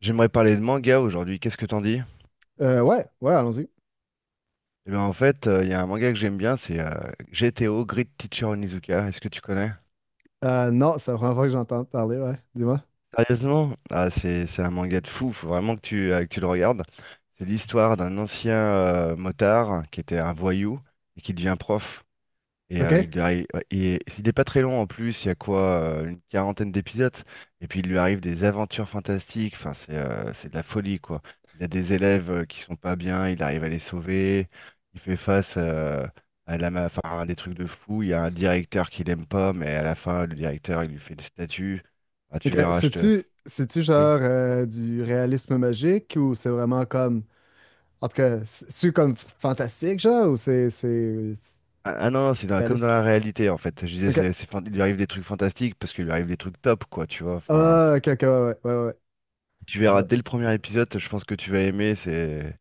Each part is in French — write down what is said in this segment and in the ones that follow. J'aimerais parler de manga aujourd'hui, qu'est-ce que t'en dis? Ouais, ouais, allons-y. Eh bien en fait, il y a un manga que j'aime bien, c'est GTO, Great Teacher Onizuka, est-ce que tu connais? Non, c'est la première fois que j'entends parler, ouais. Dis-moi. Sérieusement? Ah c'est un manga de fou, faut vraiment que tu, que tu le regardes. C'est l'histoire d'un ancien motard qui était un voyou et qui devient prof. Et OK? il lui arrive, ouais, et il n'est pas très long en plus, il y a quoi, une quarantaine d'épisodes, et puis il lui arrive des aventures fantastiques, enfin c'est de la folie quoi. Il a des élèves qui sont pas bien, il arrive à les sauver, il fait face enfin, à des trucs de fou, il y a un directeur qu'il aime pas, mais à la fin le directeur il lui fait une statue. Ah, tu OK. verras, je te. C'est-tu Oui. genre, du réalisme magique ou c'est vraiment comme. En tout cas, c'est-tu comme fantastique, genre, ou c'est Ah, ah non, non, c'est comme dans réaliste? la réalité en fait. Je disais, OK. Il lui arrive des trucs fantastiques parce qu'il lui arrive des trucs top quoi, tu vois. Enfin. Ah, OK, OK, ouais, ouais, ouais, ouais. Ouais. Tu Je verras vois. dès le premier épisode, je pense que tu vas aimer, c'est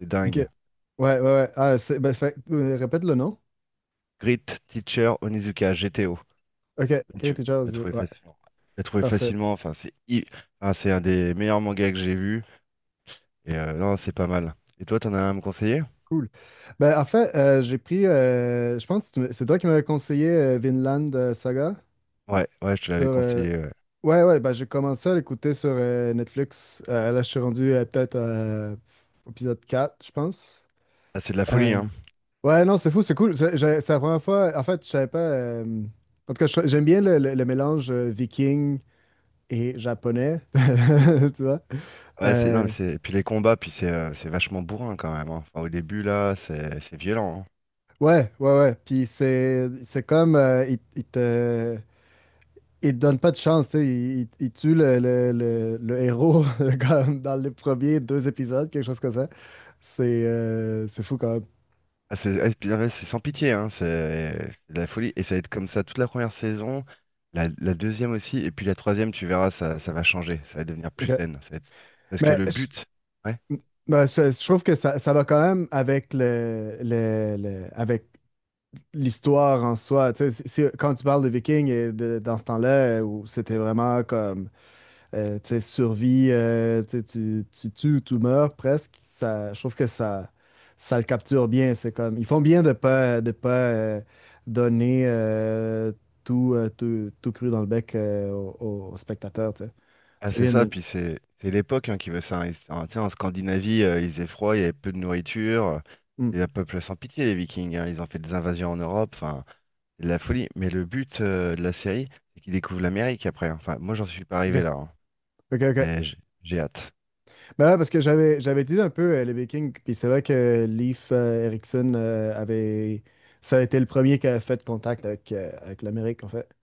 c'est OK. dingue. Ouais, ouais, ouais. Ah, c'est. Ben, répète le nom. Grit Teacher Onizuka, GTO. OK. Et tu Creative vas Jazz, trouver ouais. facilement. Tu vas trouver Parfait. facilement, enfin c'est un des meilleurs mangas que j'ai vu. Et non, c'est pas mal. Et toi, t'en as un à me conseiller? Cool. Ben, en fait, j'ai pris. Je pense que c'est toi qui m'avais conseillé Vinland Saga. Ouais, ouais, je te Sur, l'avais euh, conseillé, ouais. Ouais, ouais, bah, j'ai commencé à l'écouter sur Netflix. Là, je suis rendu peut-être au épisode 4, je pense. Ah, c'est de la folie, Euh, hein. ouais, non, c'est fou, c'est cool. C'est la première fois. En fait, je savais pas. En tout cas, j'aime bien le mélange viking et japonais. Tu vois? Ouais, c'est non, Euh, mais c'est puis les combats, puis c'est vachement bourrin quand même, hein. Enfin, au début là, c'est violent, hein. ouais, ouais, ouais. Puis c'est comme. Il te donne pas de chance, tu sais. Il tue le héros comme dans les premiers deux épisodes, quelque chose comme. C'est fou quand même. Ah, puis, ah ouais, c'est sans pitié, hein, c'est de la folie. Et ça va être comme ça toute la première saison, la deuxième aussi, et puis la troisième, tu verras, ça va changer, ça va devenir plus Ok. zen. Ça va être- parce que Mais le but, ouais, ben, je trouve que ça va quand même avec avec l'histoire en soi. Tu sais, quand tu parles de Vikings et dans ce temps-là, où c'était vraiment comme, tu sais, survie, tu sais, tu tues ou tu meurs presque, ça, je trouve que ça le capture bien. C'est comme ils font bien de pas donner tout cru dans le bec aux spectateurs, tu sais. ah, C'est c'est bien. ça, puis c'est l'époque hein, qui veut ça, hein. Tu en Scandinavie, il faisait froid, il y avait peu de nourriture, Mm. c'est un peuple sans pitié, les Vikings, hein. Ils ont fait des invasions en Europe, enfin, c'est de la folie. Mais le but de la série, c'est qu'ils découvrent l'Amérique après, hein. Enfin, moi, j'en suis pas Ok, arrivé là, hein. ok, Mais ok. j'ai hâte. Ben ouais, parce que j'avais utilisé un peu, les Vikings, puis c'est vrai que Leif Erikson avait. Ça a été le premier qui a fait contact avec l'Amérique, en fait.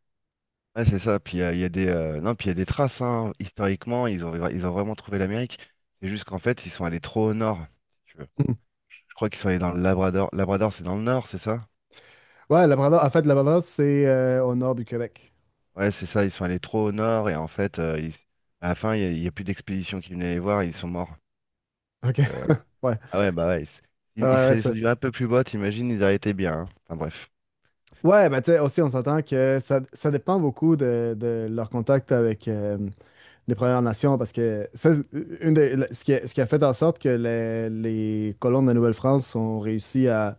Ouais, c'est ça. Puis il y a des, non, puis il y a des traces, hein. Historiquement, ils ont vraiment trouvé l'Amérique. C'est juste qu'en fait, ils sont allés trop au nord, si tu veux. Mhm. Je crois qu'ils sont allés dans le Labrador. Labrador, c'est dans le nord, c'est ça? Ouais, Labrador, en fait, Labrador, c'est au nord du Québec. Ouais, c'est ça. Ils sont allés trop au nord et en fait, à la fin, il y a plus d'expédition qui venait les voir, et ils sont morts. Ok, Donc, ouais, ah ouais, bah ouais. Ils, ouais, ils ouais, seraient ça. descendus un peu plus bas, t'imagines, ils auraient été bien, hein. Enfin bref. Ouais, ben tu sais, aussi, on s'entend que ça dépend beaucoup de leur contact avec, les Premières Nations, parce que ça, c'est ce qui a fait en sorte que les colons de la Nouvelle-France ont réussi à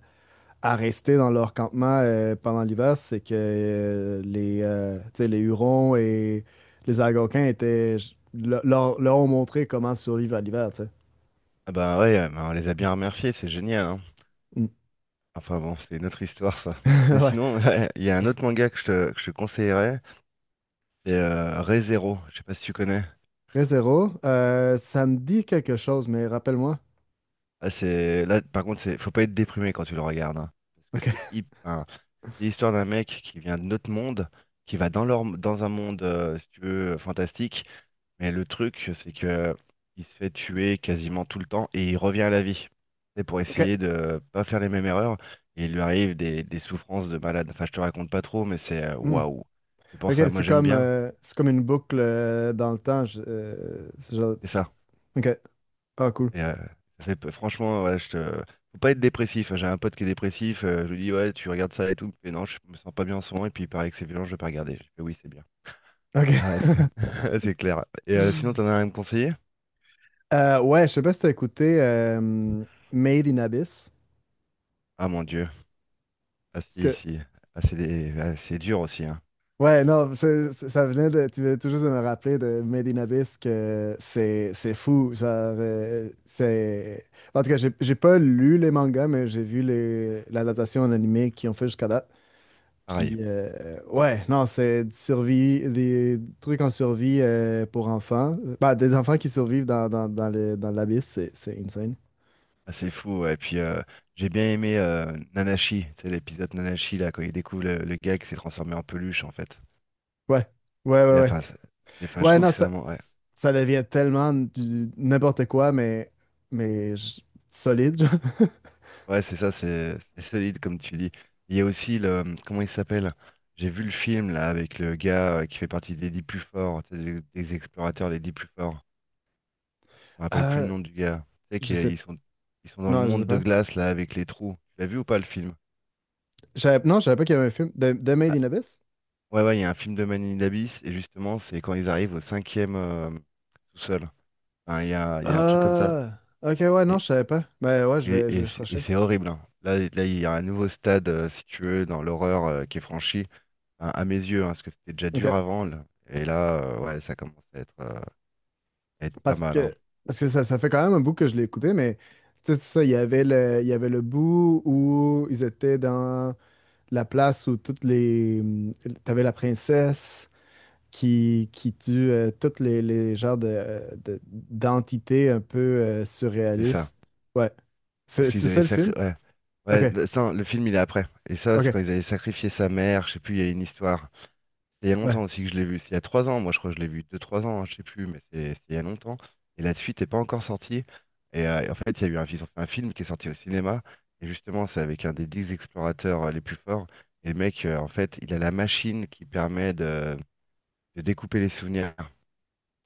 à rester dans leur campement, pendant l'hiver, c'est que, tu sais, les Hurons et les Algonquins étaient, leur ont montré comment survivre à l'hiver, tu sais. Ah bah ouais, bah, on les a bien remerciés, c'est génial, hein. Mm. Enfin bon, c'est une autre histoire, ça. Mais Ouais. sinon, ouais, il y a un autre manga que je te conseillerais. C'est Re Zero, je sais pas si tu connais. Ray, ça me dit quelque chose, mais rappelle-moi. Là, par contre, faut pas être déprimé quand tu le regardes, hein. Parce OK. que enfin, c'est l'histoire d'un mec qui vient de notre monde, qui va dans un monde, si tu veux, fantastique. Mais le truc, c'est que il se fait tuer quasiment tout le temps et il revient à la vie. C'est pour OK. essayer de pas faire les mêmes erreurs. Et il lui arrive des souffrances de malade. Enfin, je te raconte pas trop, mais c'est Mm. waouh. C'est pour OK, ça, moi c'est j'aime comme, bien. euh, c'est comme une boucle dans le temps. C'est ça. OK. Ah, cool. Et, euh, ça fait franchement, ouais, je te. Faut pas être dépressif, hein. J'ai un pote qui est dépressif. Je lui dis, ouais, tu regardes ça et tout. Il me fait, non, je me sens pas bien en ce moment. Et puis il paraît que c'est violent, je vais pas regarder. Je fais, oui, c'est bien. OK. Bref, c'est clair. Et sinon, t'en as rien à me conseiller? Ouais, je sais pas si t'as écouté Made in Abyss. Ah mon Dieu. Ah si, Que si. Ah, c'est dur aussi, hein. Ouais, non, c'est- ça venait de. Tu venais tout juste de me rappeler de Medina Bis que c'est fou. Genre, c'est. En tout cas, j'ai pas lu les mangas, mais j'ai vu l'adaptation en animé qu'ils ont fait jusqu'à date. Pareil. Puis, ouais, non, c'est du survie, des trucs en survie, pour enfants. Bah, des enfants qui survivent dans l'abysse, c'est insane. Ah, c'est fou, ouais. Et puis, j'ai bien aimé Nanashi. C'est l'épisode Nanashi, là, quand il découvre le gars qui s'est transformé en peluche, en fait. Ouais, ouais, ouais, Et, ouais. enfin, enfin, je Ouais, trouve non, que c'est ça, un. Ouais. ça devient tellement n'importe quoi, mais solide, genre. Ouais, c'est ça, c'est solide comme tu dis. Il y a aussi le, comment il s'appelle? J'ai vu le film là avec le gars qui fait partie des 10 plus forts, tu sais, des explorateurs les 10 plus forts. Je me rappelle plus le Euh, nom du gars. Tu sais je sais. qu'ils sont dans le Non, je sais monde de pas. glace là avec les trous. Tu l'as vu ou pas le film? Non, je savais pas qu'il y avait un film. The Made Ah, in Abyss? ouais ouais, il y a un film de Manilabis et justement c'est quand ils arrivent au cinquième tout seul. Enfin, il y a un truc comme ça. Ah, ok, ouais, non, je savais pas. Ben ouais, je Et, vais, je et vais c'est et chercher. c'est horrible, hein. Il y a un nouveau stade, si tu veux, dans l'horreur qui est franchi, enfin, à mes yeux, hein, parce que c'était déjà dur Ok. avant, là. Et là, ouais, ça commence à être pas Parce mal, hein. que, parce que ça, ça fait quand même un bout que je l'ai écouté, mais tu sais, c'est ça, il y avait le bout où ils étaient dans la place où toutes les. T'avais la princesse qui tue toutes les genres d'entités un peu C'est ça. surréalistes. Ouais. Parce C'est qu'ils c'est avaient ça le sacré... film? Ouais, Ok, ouais ça, le film, il est après. Et ça, c'est quand ok. ils avaient sacrifié sa mère. Je sais plus, il y a une histoire. Il y a Ouais. longtemps aussi que je l'ai vu. C'est il y a 3 ans, moi je crois que je l'ai vu. Deux, trois ans, hein, je sais plus, mais c'est il y a longtemps. Et la suite n'est pas encore sortie. Et, en fait, il y a eu un, ils ont fait un film qui est sorti au cinéma. Et justement, c'est avec un des 10 explorateurs les plus forts. Et le mec, en fait, il a la machine qui permet de découper les souvenirs. Vous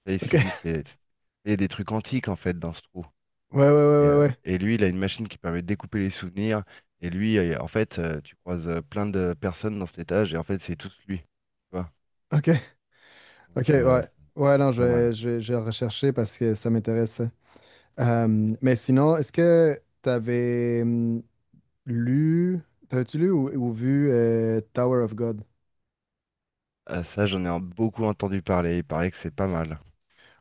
savez ce Ok. qu'ils disent qu'il y a des trucs antiques en fait dans ce trou. Ouais, ouais, ouais, Et, euh, ouais, ouais. et lui, il a une machine qui permet de découper les souvenirs. Et lui, en fait, tu croises plein de personnes dans cet étage. Et en fait, c'est tous lui. Tu vois? Ok. Ok, Donc, ouais. C'est Ouais, non, je pas mal. vais, je vais, je vais le rechercher parce que ça m'intéresse. Mais sinon, est-ce que lu, t'avais-tu lu ou vu Tower of God? Ah, ça, j'en ai beaucoup entendu parler. Il paraît que c'est pas mal.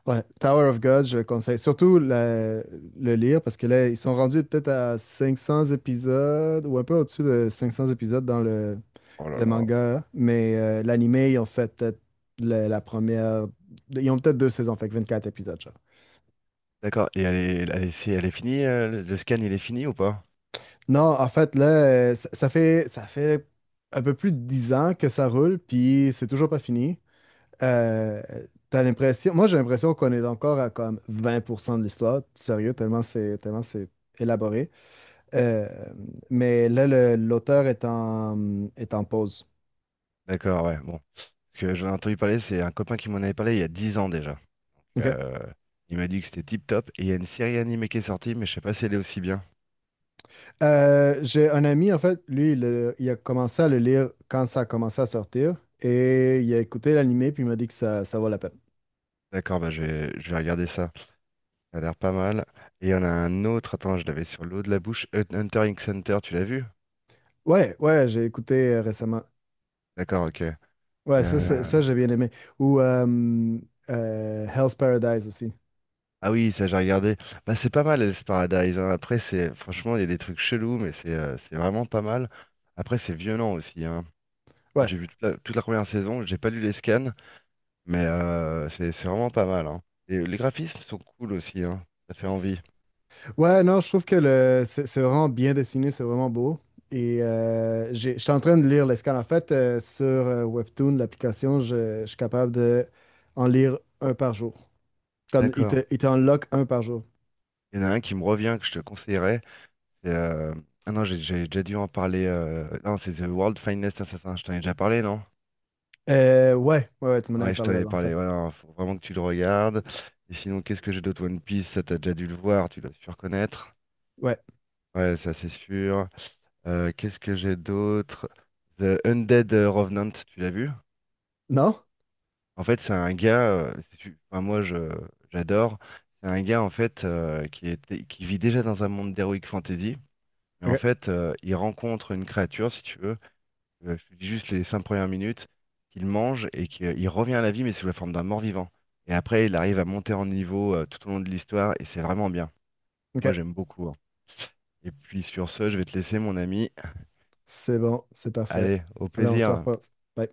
Ouais, Tower of God, je conseille surtout le lire parce que là, ils sont rendus peut-être à 500 épisodes ou un peu au-dessus de 500 épisodes dans le, Oh là le là. manga, mais l'anime, ils ont fait peut-être la première. Ils ont peut-être deux saisons, fait que 24 épisodes, genre. D'accord. Et elle est finie, le scan, il est fini ou pas? Non, en fait, là, ça, ça fait un peu plus de 10 ans que ça roule, puis c'est toujours pas fini. Euh, T'as l'impression, moi, j'ai l'impression qu'on est encore à comme 20% de l'histoire, sérieux, tellement c'est élaboré. Euh, mais là, l'auteur est en pause. D'accord, ouais. Bon. Parce que j'en ai entendu parler, c'est un copain qui m'en avait parlé il y a 10 ans déjà. OK. Euh, il m'a dit que c'était tip top. Et il y a une série animée qui est sortie, mais je sais pas si elle est aussi bien. J'ai un ami, en fait, lui, il a commencé à le lire quand ça a commencé à sortir, et il a écouté l'animé, puis il m'a dit que ça vaut la peine. D'accord, bah je vais regarder ça. Ça a l'air pas mal. Et il y en a un autre, attends, je l'avais sur l'eau de la bouche. Hunter x Hunter, tu l'as vu? Ouais, ouais, j'ai écouté, récemment. D'accord, ok. Ouais, Euh, ça, j'ai bien aimé. Ou Hell's Paradise aussi. ah oui, ça j'ai regardé. Bah c'est pas mal Hell's Paradise, hein. Après c'est franchement il y a des trucs chelous, mais c'est vraiment pas mal. Après c'est violent aussi, hein. Moi, Ouais. j'ai vu toute la première saison, j'ai pas lu les scans, mais c'est vraiment pas mal, hein. Et les graphismes sont cool aussi, hein. Ça fait envie. Ouais, non, je trouve que le, c'est vraiment bien dessiné, c'est vraiment beau. Et je suis en train de lire les scans. En fait, sur Webtoon, l'application, je suis capable de en lire un par jour. Comme D'accord. Il t'en lock un par jour. Il y en a un qui me revient que je te conseillerais. c'est, euh, Ah non j'ai déjà dû en parler. Non c'est The World Finest Assassin. Je t'en ai déjà parlé non? Ouais, ouais, ouais, tu m'en avais Ouais, je t'en parlé avais là en fait. parlé. Ouais, non, faut vraiment que tu le regardes. Et sinon, qu'est-ce que j'ai d'autre One Piece? Ça, t'as déjà dû le voir, tu dois sûr connaître. Ouais. Ouais, ça c'est sûr. Qu'est-ce que j'ai d'autre? The Undead Revenant, tu l'as vu? Non? En fait, c'est un gars. Enfin, moi, je j'adore. C'est un gars en fait qui était, qui vit déjà dans un monde d'heroic fantasy. Mais en Ok, fait, il rencontre une créature, si tu veux. Je te dis juste les 5 premières minutes, qu'il mange et qu'il revient à la vie, mais sous la forme d'un mort-vivant. Et après, il arrive à monter en niveau tout au long de l'histoire et c'est vraiment bien. Moi, ok. j'aime beaucoup, hein. Et puis sur ce, je vais te laisser, mon ami. C'est bon, c'est parfait. Allez, au Allez, on se plaisir. reparle. Bye.